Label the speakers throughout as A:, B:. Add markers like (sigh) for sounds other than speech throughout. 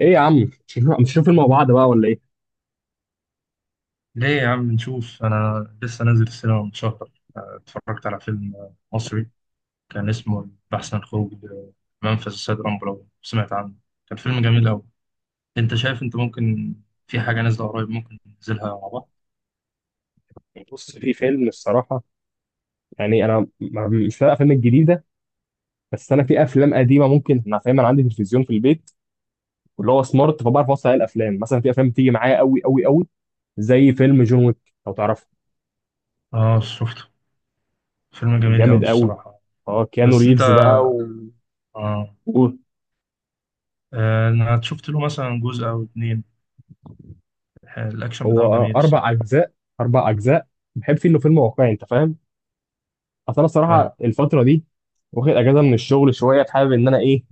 A: ايه يا عم مش هنشوف فيلم مع بعض بقى ولا ايه؟
B: ليه يا عم نشوف؟ أنا لسه نازل السينما من شهر. اتفرجت على فيلم مصري كان اسمه البحث عن خروج منفذ السيد رامبو، لو سمعت عنه. كان فيلم جميل أوي. أنت شايف؟ أنت ممكن في حاجة نازلة قريب ممكن ننزلها مع بعض؟
A: بص، في فيلم الصراحه. يعني انا مش فاهم الافلام الجديده. بس انا في افلام قديمه ممكن انا فاهم. انا عندي تلفزيون في البيت واللي هو سمارت، فبعرف اوصل عليه الافلام. مثلا في افلام بتيجي معايا قوي قوي قوي، زي فيلم جون ويك، لو تعرفه.
B: آه شفته، فيلم جميل أوي
A: جامد قوي.
B: الصراحة.
A: اه، كيانو
B: بس أنت
A: ريفز بقى
B: آه.
A: و...
B: أنا شفت له مثلا جزء أو اتنين، الأكشن
A: هو
B: بتاعه جميل
A: اربع
B: الصراحة.
A: اجزاء 4 اجزاء. بحب فيه انه فيلم واقعي، انت فاهم. اصل انا
B: فاهم.
A: الصراحه الفتره دي واخد اجازه من الشغل شويه، حابب ان انا ايه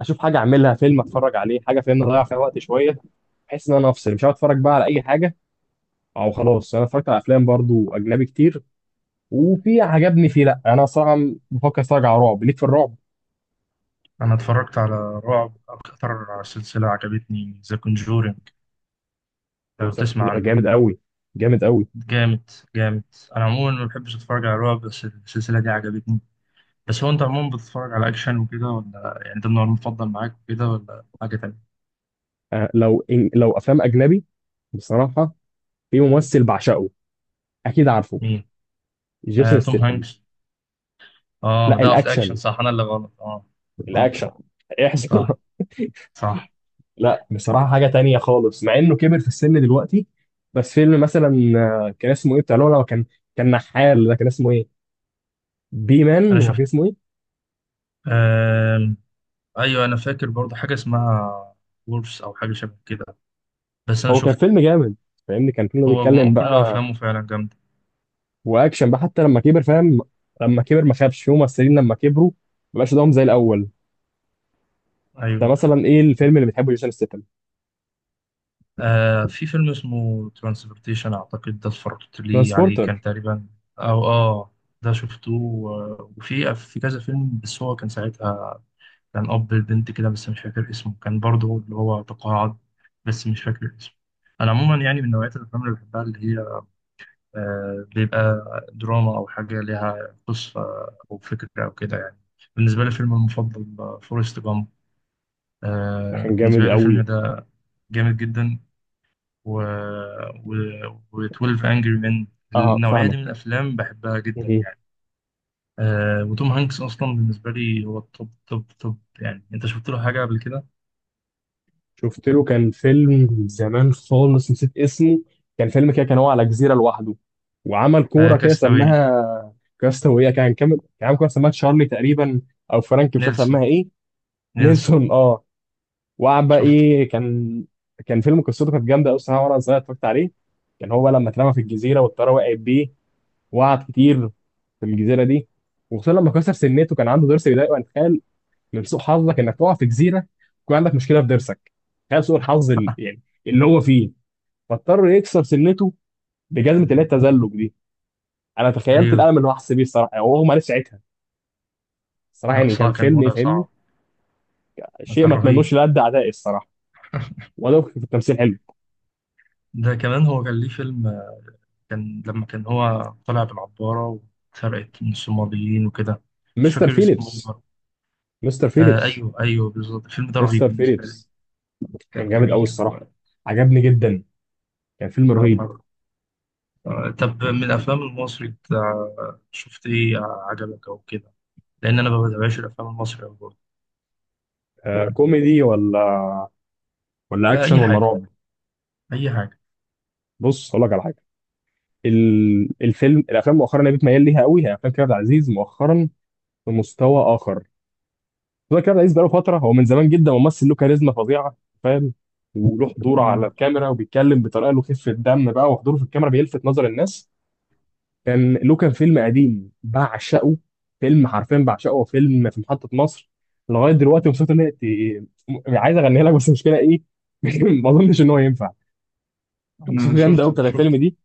A: اشوف حاجه اعملها، فيلم اتفرج عليه، حاجه، فاهم، اضيع فيها وقت شويه، بحيث ان انا افصل. مش هقعد اتفرج بقى على اي حاجه. او خلاص انا اتفرجت على افلام برضو اجنبي كتير، وفي عجبني فيه. لا، انا صراحه بفكر اتفرج على رعب. ليك في الرعب.
B: أنا اتفرجت على رعب، أكتر سلسلة عجبتني ذا كونجورينج، لو تسمع عنها.
A: جامد قوي، جامد قوي.
B: جامد جامد. انا عموما ما بحبش اتفرج على رعب بس السلسله دي عجبتني. بس هو انت عموما بتتفرج على اكشن وكده ولا يعني ده النوع المفضل معاك وكده ولا حاجه تانية؟
A: أه، لو إن لو افلام اجنبي بصراحه، في ممثل بعشقه، اكيد عارفه،
B: مين؟ آه
A: جيسون
B: توم
A: ستيتن.
B: هانكس. اه
A: لا،
B: ده في الاكشن
A: الاكشن
B: صح، انا اللي غلط اه. اه.
A: الاكشن احسن.
B: صح.
A: (laughs)
B: صح.
A: لا، بصراحة حاجة تانية خالص مع انه كبر في السن دلوقتي. بس فيلم مثلا كان اسمه ايه، بتاع لولا كان، كان نحال، ده كان اسمه ايه، بي مان
B: انا
A: ولا كان
B: شفت.
A: اسمه ايه.
B: آه ايوه، انا فاكر برضه حاجه اسمها وولفز او حاجه شبه كده، بس انا
A: هو كان
B: شفته.
A: فيلم جامد، فاهمني، كان فيلم
B: هو
A: بيتكلم
B: كل
A: بقى،
B: افلامه فعلا جامده.
A: واكشن بقى حتى لما كبر، فاهم. لما كبر ما خابش. في ممثلين لما كبروا ما بقاش قدامهم زي الاول. ده
B: ايوه.
A: مثلا ايه الفيلم اللي بتحبه جيسون ستيتم؟
B: آه في فيلم اسمه ترانسبورتيشن أعتقد، ده اتفرجت لي عليه
A: ترانسبورتر،
B: كان تقريبا. أو آه، ده شفته. وفي كذا فيلم، بس هو كان ساعتها كان أب البنت كده، بس مش فاكر اسمه، كان برضه اللي هو تقاعد، بس مش فاكر اسمه. أنا عموما يعني من نوعية الأفلام اللي بحبها اللي هي بيبقى دراما أو حاجة ليها قصة أو فكرة أو كده يعني. بالنسبة لي فيلم المفضل فورست جامب، آه
A: كان جامد
B: بالنسبة لي الفيلم
A: قوي.
B: ده جامد جدا. و... و... و12 انجري مان،
A: اه،
B: النوعيه دي من
A: فاهمك.
B: الافلام بحبها جدا يعني. آه وتوم هانكس اصلا بالنسبه لي هو التوب توب توب يعني. انت شفت له حاجه قبل كده؟
A: شفت له كان فيلم زمان خالص نسيت اسمه. كان فيلم كده، كان هو على جزيرة لوحده، وعمل
B: آه
A: كورة كده
B: كاستاوي.
A: سماها كاستاوية، كان كامل، كان عامل كورة سماها تشارلي تقريبا، أو فرانك، مش عارف
B: نيلسون.
A: سماها إيه.
B: نيلسون.
A: نيلسون، أه. وقعد بقى
B: شفته.
A: إيه كان. كان فيلم قصته كانت جامدة أوي الصراحة، وأنا صغير اتفرجت عليه. كان هو لما اترمى في الجزيرة والطيارة وقعت بيه، وقعد كتير في الجزيرة دي. وخصوصا لما كسر سنته، كان عنده ضرس بيضايقه. انت من سوء حظك انك تقع في جزيره يكون عندك مشكله في ضرسك. تخيل سوء الحظ يعني اللي هو فيه. فاضطر يكسر سنته بجزمه اللي هي التزلج دي. انا تخيلت
B: ايوه.
A: الالم اللي هو حس بيه الصراحه، يعني هو ما عرفش ساعتها الصراحه،
B: لا
A: يعني كان
B: صعب، كان
A: فيلم،
B: وضع
A: يفهمني.
B: صعب.
A: شيء
B: كان
A: ما
B: رهيب.
A: اتمنوش لأد اعدائي الصراحه. ولو في التمثيل حلو.
B: ده كمان هو كان ليه فيلم كان لما كان هو طلع بالعباره واتسرقت من الصوماليين وكده. مش
A: مستر
B: فاكر اسمه ايه
A: فيليبس.
B: برضه.
A: مستر
B: آه
A: فيليبس.
B: ايوه ايوه بالظبط، الفيلم ده رهيب
A: مستر
B: بالنسبه لي.
A: فيليبس. كان
B: كان
A: جامد قوي
B: جميل.
A: الصراحه، عجبني جدا، كان فيلم رهيب.
B: و... طب من الافلام المصري بتاع، شفت ايه عجبك او كده؟ لان انا ما بتابعش الافلام المصري أوي برضه.
A: آه، كوميدي، ولا اكشن
B: اي
A: ولا
B: حاجه،
A: رعب؟
B: اي حاجه.
A: بص، هقول لك على حاجه. الافلام مؤخرا اللي بتميل ليها قوي هي افلام كريم عبد العزيز. مؤخرا في مستوى اخر. مستوى كريم عبد العزيز بقاله فتره، هو من زمان جدا ممثل له كاريزما فظيعه، فاهم، وله حضور على
B: مم.
A: الكاميرا، وبيتكلم بطريقه له خفه دم بقى، وحضوره في الكاميرا بيلفت نظر الناس. كان له فيلم قديم بعشقه، فيلم حرفيا بعشقه، فيلم في محطه مصر. لغايه دلوقتي مبسوط ان هي عايز اغنيها لك، بس المشكله ايه. (laughs) ما اظنش ان هو ينفع.
B: أنا
A: موسيقى جامده قوي
B: شفته
A: بتاعت الفيلم
B: شفته.
A: دي،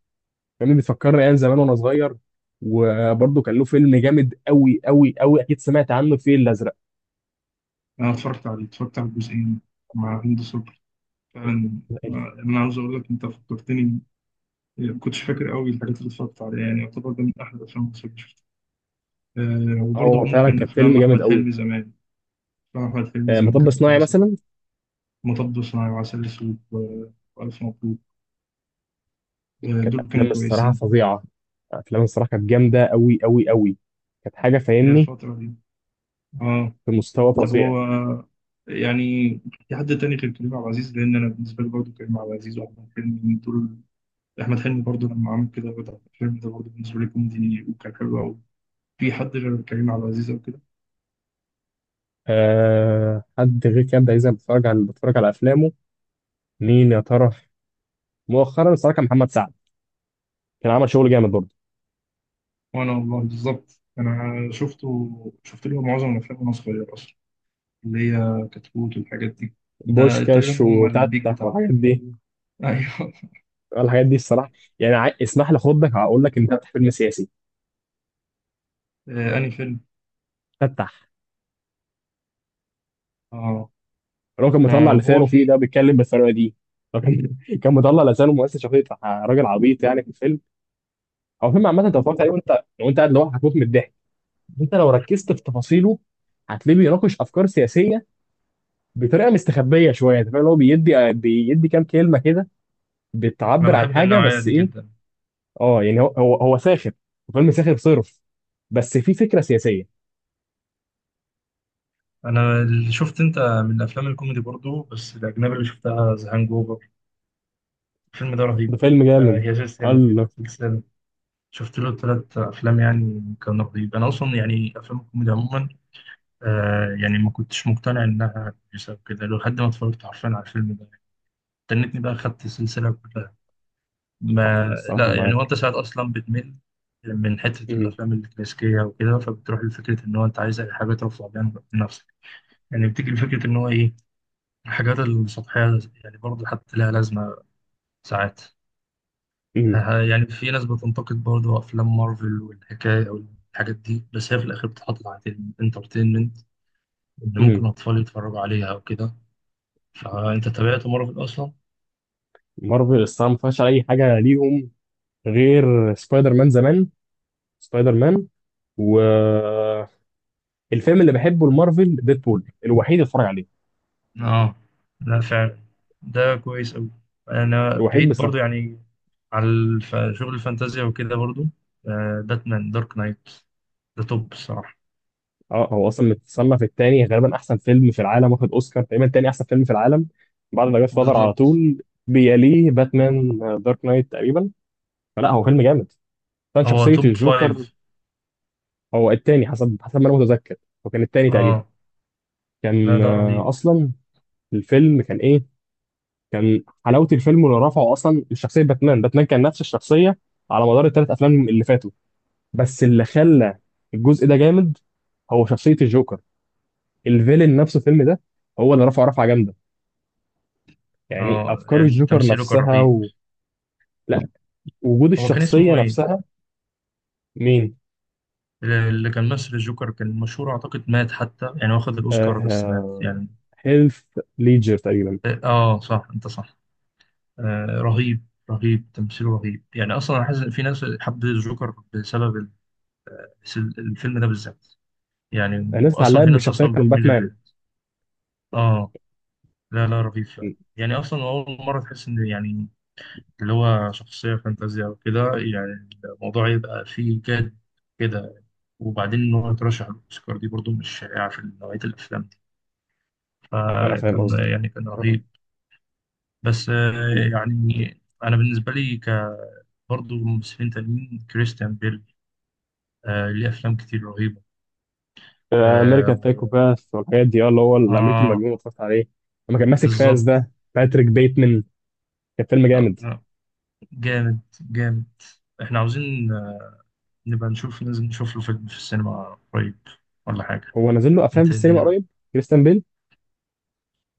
A: فاهمني، بتفكرني ايام زمان وانا صغير. وبرضه كان له فيلم جامد قوي قوي قوي، اكيد سمعت عنه، الفيل الازرق.
B: أنا اتفرجت عليه، اتفرجت على الجزئين مع هند صبري فعلا. آه، أنا عاوز أقول لك أنت فكرتني. ما كنتش فاكر قوي الحاجات اللي اتفرجت عليها، يعني يعتبر ده من أحلى الأفلام المصرية اللي شفتها. أه وبرضه
A: هو فعلا
B: ممكن
A: كان فيلم
B: أفلام
A: جامد
B: أحمد
A: قوي.
B: حلمي زمان. أفلام أحمد حلمي زمان
A: مطب
B: كانت
A: صناعي
B: كويسة برضه.
A: مثلا.
B: مطب صناعي وعسل أسود وألف مبروك. أه
A: كانت
B: دول
A: افلام
B: كانوا
A: الصراحه
B: كويسين.
A: فظيعه. افلام الصراحه كانت جامده قوي قوي قوي، كانت حاجه،
B: هي
A: فاهمني،
B: الفترة دي. آه.
A: في مستوى
B: طب
A: فظيع.
B: هو يعني في حد تاني غير كريم عبد العزيز؟ لان انا بالنسبه لي برضه كريم عبد العزيز واحمد حلمي من دول. احمد حلمي برضه لما عمل كده، بدأ الفيلم ده برضه بالنسبه لي كوميدي وكان حلو قوي. في حد غير كريم عبد العزيز او كده؟
A: أه، حد غير كده دايما بتفرج على افلامه. مين يا ترى؟ مؤخرا الصراحه كان محمد سعد، كان عمل شغل جامد برضه،
B: وانا والله بالظبط، انا شفته، شفت له معظم الافلام وانا صغير اصلا، اللي هي كتكوت والحاجات دي، ده تقريبا
A: بوشكاش
B: هم البيك
A: وتتح
B: بتاعه.
A: والحاجات دي.
B: (laughs) ايوه.
A: الحاجات دي الصراحه، يعني اسمح لي اخدك، هقول لك، انت بتاع فيلم سياسي؟
B: انهي فيلم؟
A: فتح.
B: اه.
A: الراجل كان
B: ده
A: مطلع
B: هو
A: لسانه فيه،
B: في.
A: ده بيتكلم بالطريقه دي، لكن (laughs) كان مطلع لسانه مؤسس شخصيه راجل عبيط يعني في الفيلم. هو فيلم عامه، انت اتفرجت عليه وانت قاعد لوحدك، هتموت من الضحك. انت لو ركزت في تفاصيله هتلاقيه بيناقش افكار سياسيه بطريقه مستخبيه شويه، انت فاهم، اللي هو بيدي بيدي كام كلمه كده
B: انا
A: بتعبر عن
B: بحب
A: حاجه،
B: النوعيه
A: بس
B: دي
A: ايه.
B: جدا.
A: اه، يعني هو ساخر، فيلم ساخر صرف، بس في فكره سياسيه.
B: انا اللي شفت انت من الافلام الكوميدي برضو بس الاجنبي اللي شفتها ذا هانج اوفر، الفيلم ده
A: ده
B: رهيب.
A: فيلم
B: آه
A: جامد.
B: هي سلسله،
A: الله.
B: سلسله. شفت له ثلاث افلام، يعني كان رهيب. انا اصلا يعني افلام الكوميدي عموما آه يعني ما كنتش مقتنع انها كويسه وكده لحد ما اتفرجت حرفيا على الفيلم ده. استنيتني بقى خدت السلسله كلها. ما.
A: انا الصراحه
B: لا يعني
A: معاك.
B: وانت ساعات اصلا بتمل من حته
A: مم.
B: الافلام الكلاسيكيه وكده، فبتروح لفكره ان هو انت عايز اي حاجه ترفع بيها نفسك. يعني بتيجي لفكره ان هو ايه الحاجات السطحية، يعني برضه حتى لها لازمة ساعات.
A: مم.
B: يعني في ناس بتنتقد برضه أفلام مارفل والحكاية أو الحاجات دي، بس هي في الآخر بتحط تحت الانترتينمنت، إن
A: مم.
B: ممكن أطفال يتفرجوا عليها أو كده. فأنت تابعت مارفل أصلا؟
A: مارفل الصراحه ما فيهاش اي حاجه ليهم، غير سبايدر مان زمان. سبايدر مان والفيلم اللي بحبه المارفل، ديدبول، الوحيد اللي اتفرج عليه،
B: آه. لا فعلا، ده كويس أوي. أنا
A: الوحيد
B: بعيد
A: بس.
B: برضه يعني على شغل الفانتازيا وكده برضه. باتمان دارك نايت، ده توب الصراحة.
A: اه، هو اصلا متصنف التاني، غالبا احسن فيلم في العالم واخد اوسكار، تقريبا تاني احسن فيلم في العالم بعد ما جاد فاذر على
B: بالظبط.
A: طول. بيليه، باتمان دارك نايت تقريبا. فلا، هو فيلم جامد. كان
B: هو
A: شخصيه
B: توب
A: الجوكر.
B: فايف.
A: هو التاني، حسب ما انا متذكر، هو كان التاني تقريبا.
B: آه. لا
A: كان
B: ده رهيب.
A: اصلا الفيلم كان ايه، كان حلاوه الفيلم اللي رفعه اصلا الشخصيه، باتمان. باتمان كان نفس الشخصيه على مدار الـ 3 افلام اللي فاتوا، بس اللي خلى الجزء ده جامد هو شخصيه الجوكر، الفيلن نفسه الفيلم ده، هو اللي رفعه جامده، يعني
B: اه
A: افكار
B: يعني
A: الجوكر
B: تمثيله كان
A: نفسها
B: رهيب.
A: و... لا، وجود
B: هو كان
A: الشخصيه
B: اسمه ايه
A: نفسها. مين؟
B: اللي كان مثل الجوكر؟ كان مشهور اعتقد مات حتى، يعني واخد
A: آه...
B: الاوسكار بس مات
A: آه،
B: يعني.
A: هيلث ليجر تقريبا.
B: اه آه، صح انت صح. آه رهيب، رهيب تمثيله رهيب. يعني اصلا انا حاسس إن في ناس حبت الجوكر بسبب الفيلم ده بالذات. يعني
A: الناس
B: واصلا
A: اتعلقت
B: في ناس
A: بالشخصيه،
B: اصلا
A: كان
B: بتميل
A: باتمان.
B: للفيلم. اه. لا لا رهيب فعلا. يعني اصلا اول مره تحس ان يعني اللي هو شخصية فانتازيا وكده يعني الموضوع يبقى فيه جد كده. وبعدين إن هو يترشح للأوسكار دي برضو مش شائعة في نوعية الأفلام دي،
A: انا فاهم
B: فكان
A: قصدك.
B: يعني كان رهيب. بس يعني أنا بالنسبة لي برضو ممثلين تانيين كريستيان بيل، ليه أفلام كتير رهيبة. آه,
A: امريكان تايكو
B: و...
A: باس والحاجات دي، اه، اللي هو الامريكي
B: آه.
A: المجنون، اتفرجت عليه لما كان ماسك فاس
B: بالظبط.
A: ده، باتريك بيتمان. كان فيلم
B: آه،
A: جامد.
B: آه، جامد جامد. إحنا عاوزين نبقى نشوف، ننزل نشوف له فيلم في السينما قريب ولا حاجة.
A: هو نازل له افلام
B: أنت
A: في
B: إيه
A: السينما
B: الدنيا؟
A: قريب، كريستيان بيل.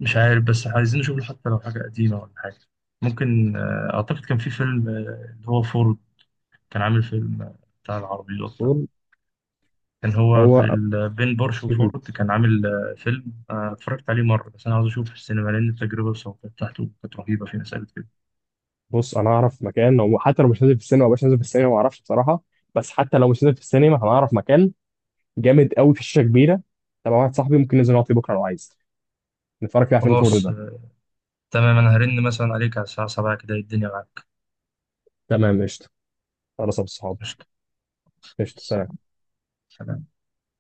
B: مش عارف، بس عايزين نشوف حتى لو حاجة قديمة ولا حاجة. ممكن أعتقد كان في فيلم اللي هو فورد، كان عامل فيلم بتاع العربيات ده.
A: هو
B: كان هو
A: هو-
B: بين بورش
A: مهم.
B: وفورد، كان عامل فيلم اتفرجت عليه مرة، بس أنا عاوز أشوفه في السينما لأن التجربة الصوتية بتاعته كانت رهيبة في مسألة كده.
A: بص، انا اعرف مكان. هو حتى لو مش نازل في السينما، مش نازل في السينما ما اعرفش بصراحه، بس حتى لو مش نازل في السينما هنعرف مكان جامد قوي في شاشه كبيره تبع واحد صاحبي. ممكن ننزل نقعد فيه بكره لو عايز، نتفرج فيه على فيلم فورد
B: خلاص
A: ده.
B: تمام، أنا هرن مثلا عليك على الساعة 7 كده، إيه الدنيا معاك؟
A: تمام، قشطه. خلاص يا أبو الصحاب.
B: قشطة.
A: قشطه، سلام.
B: سلام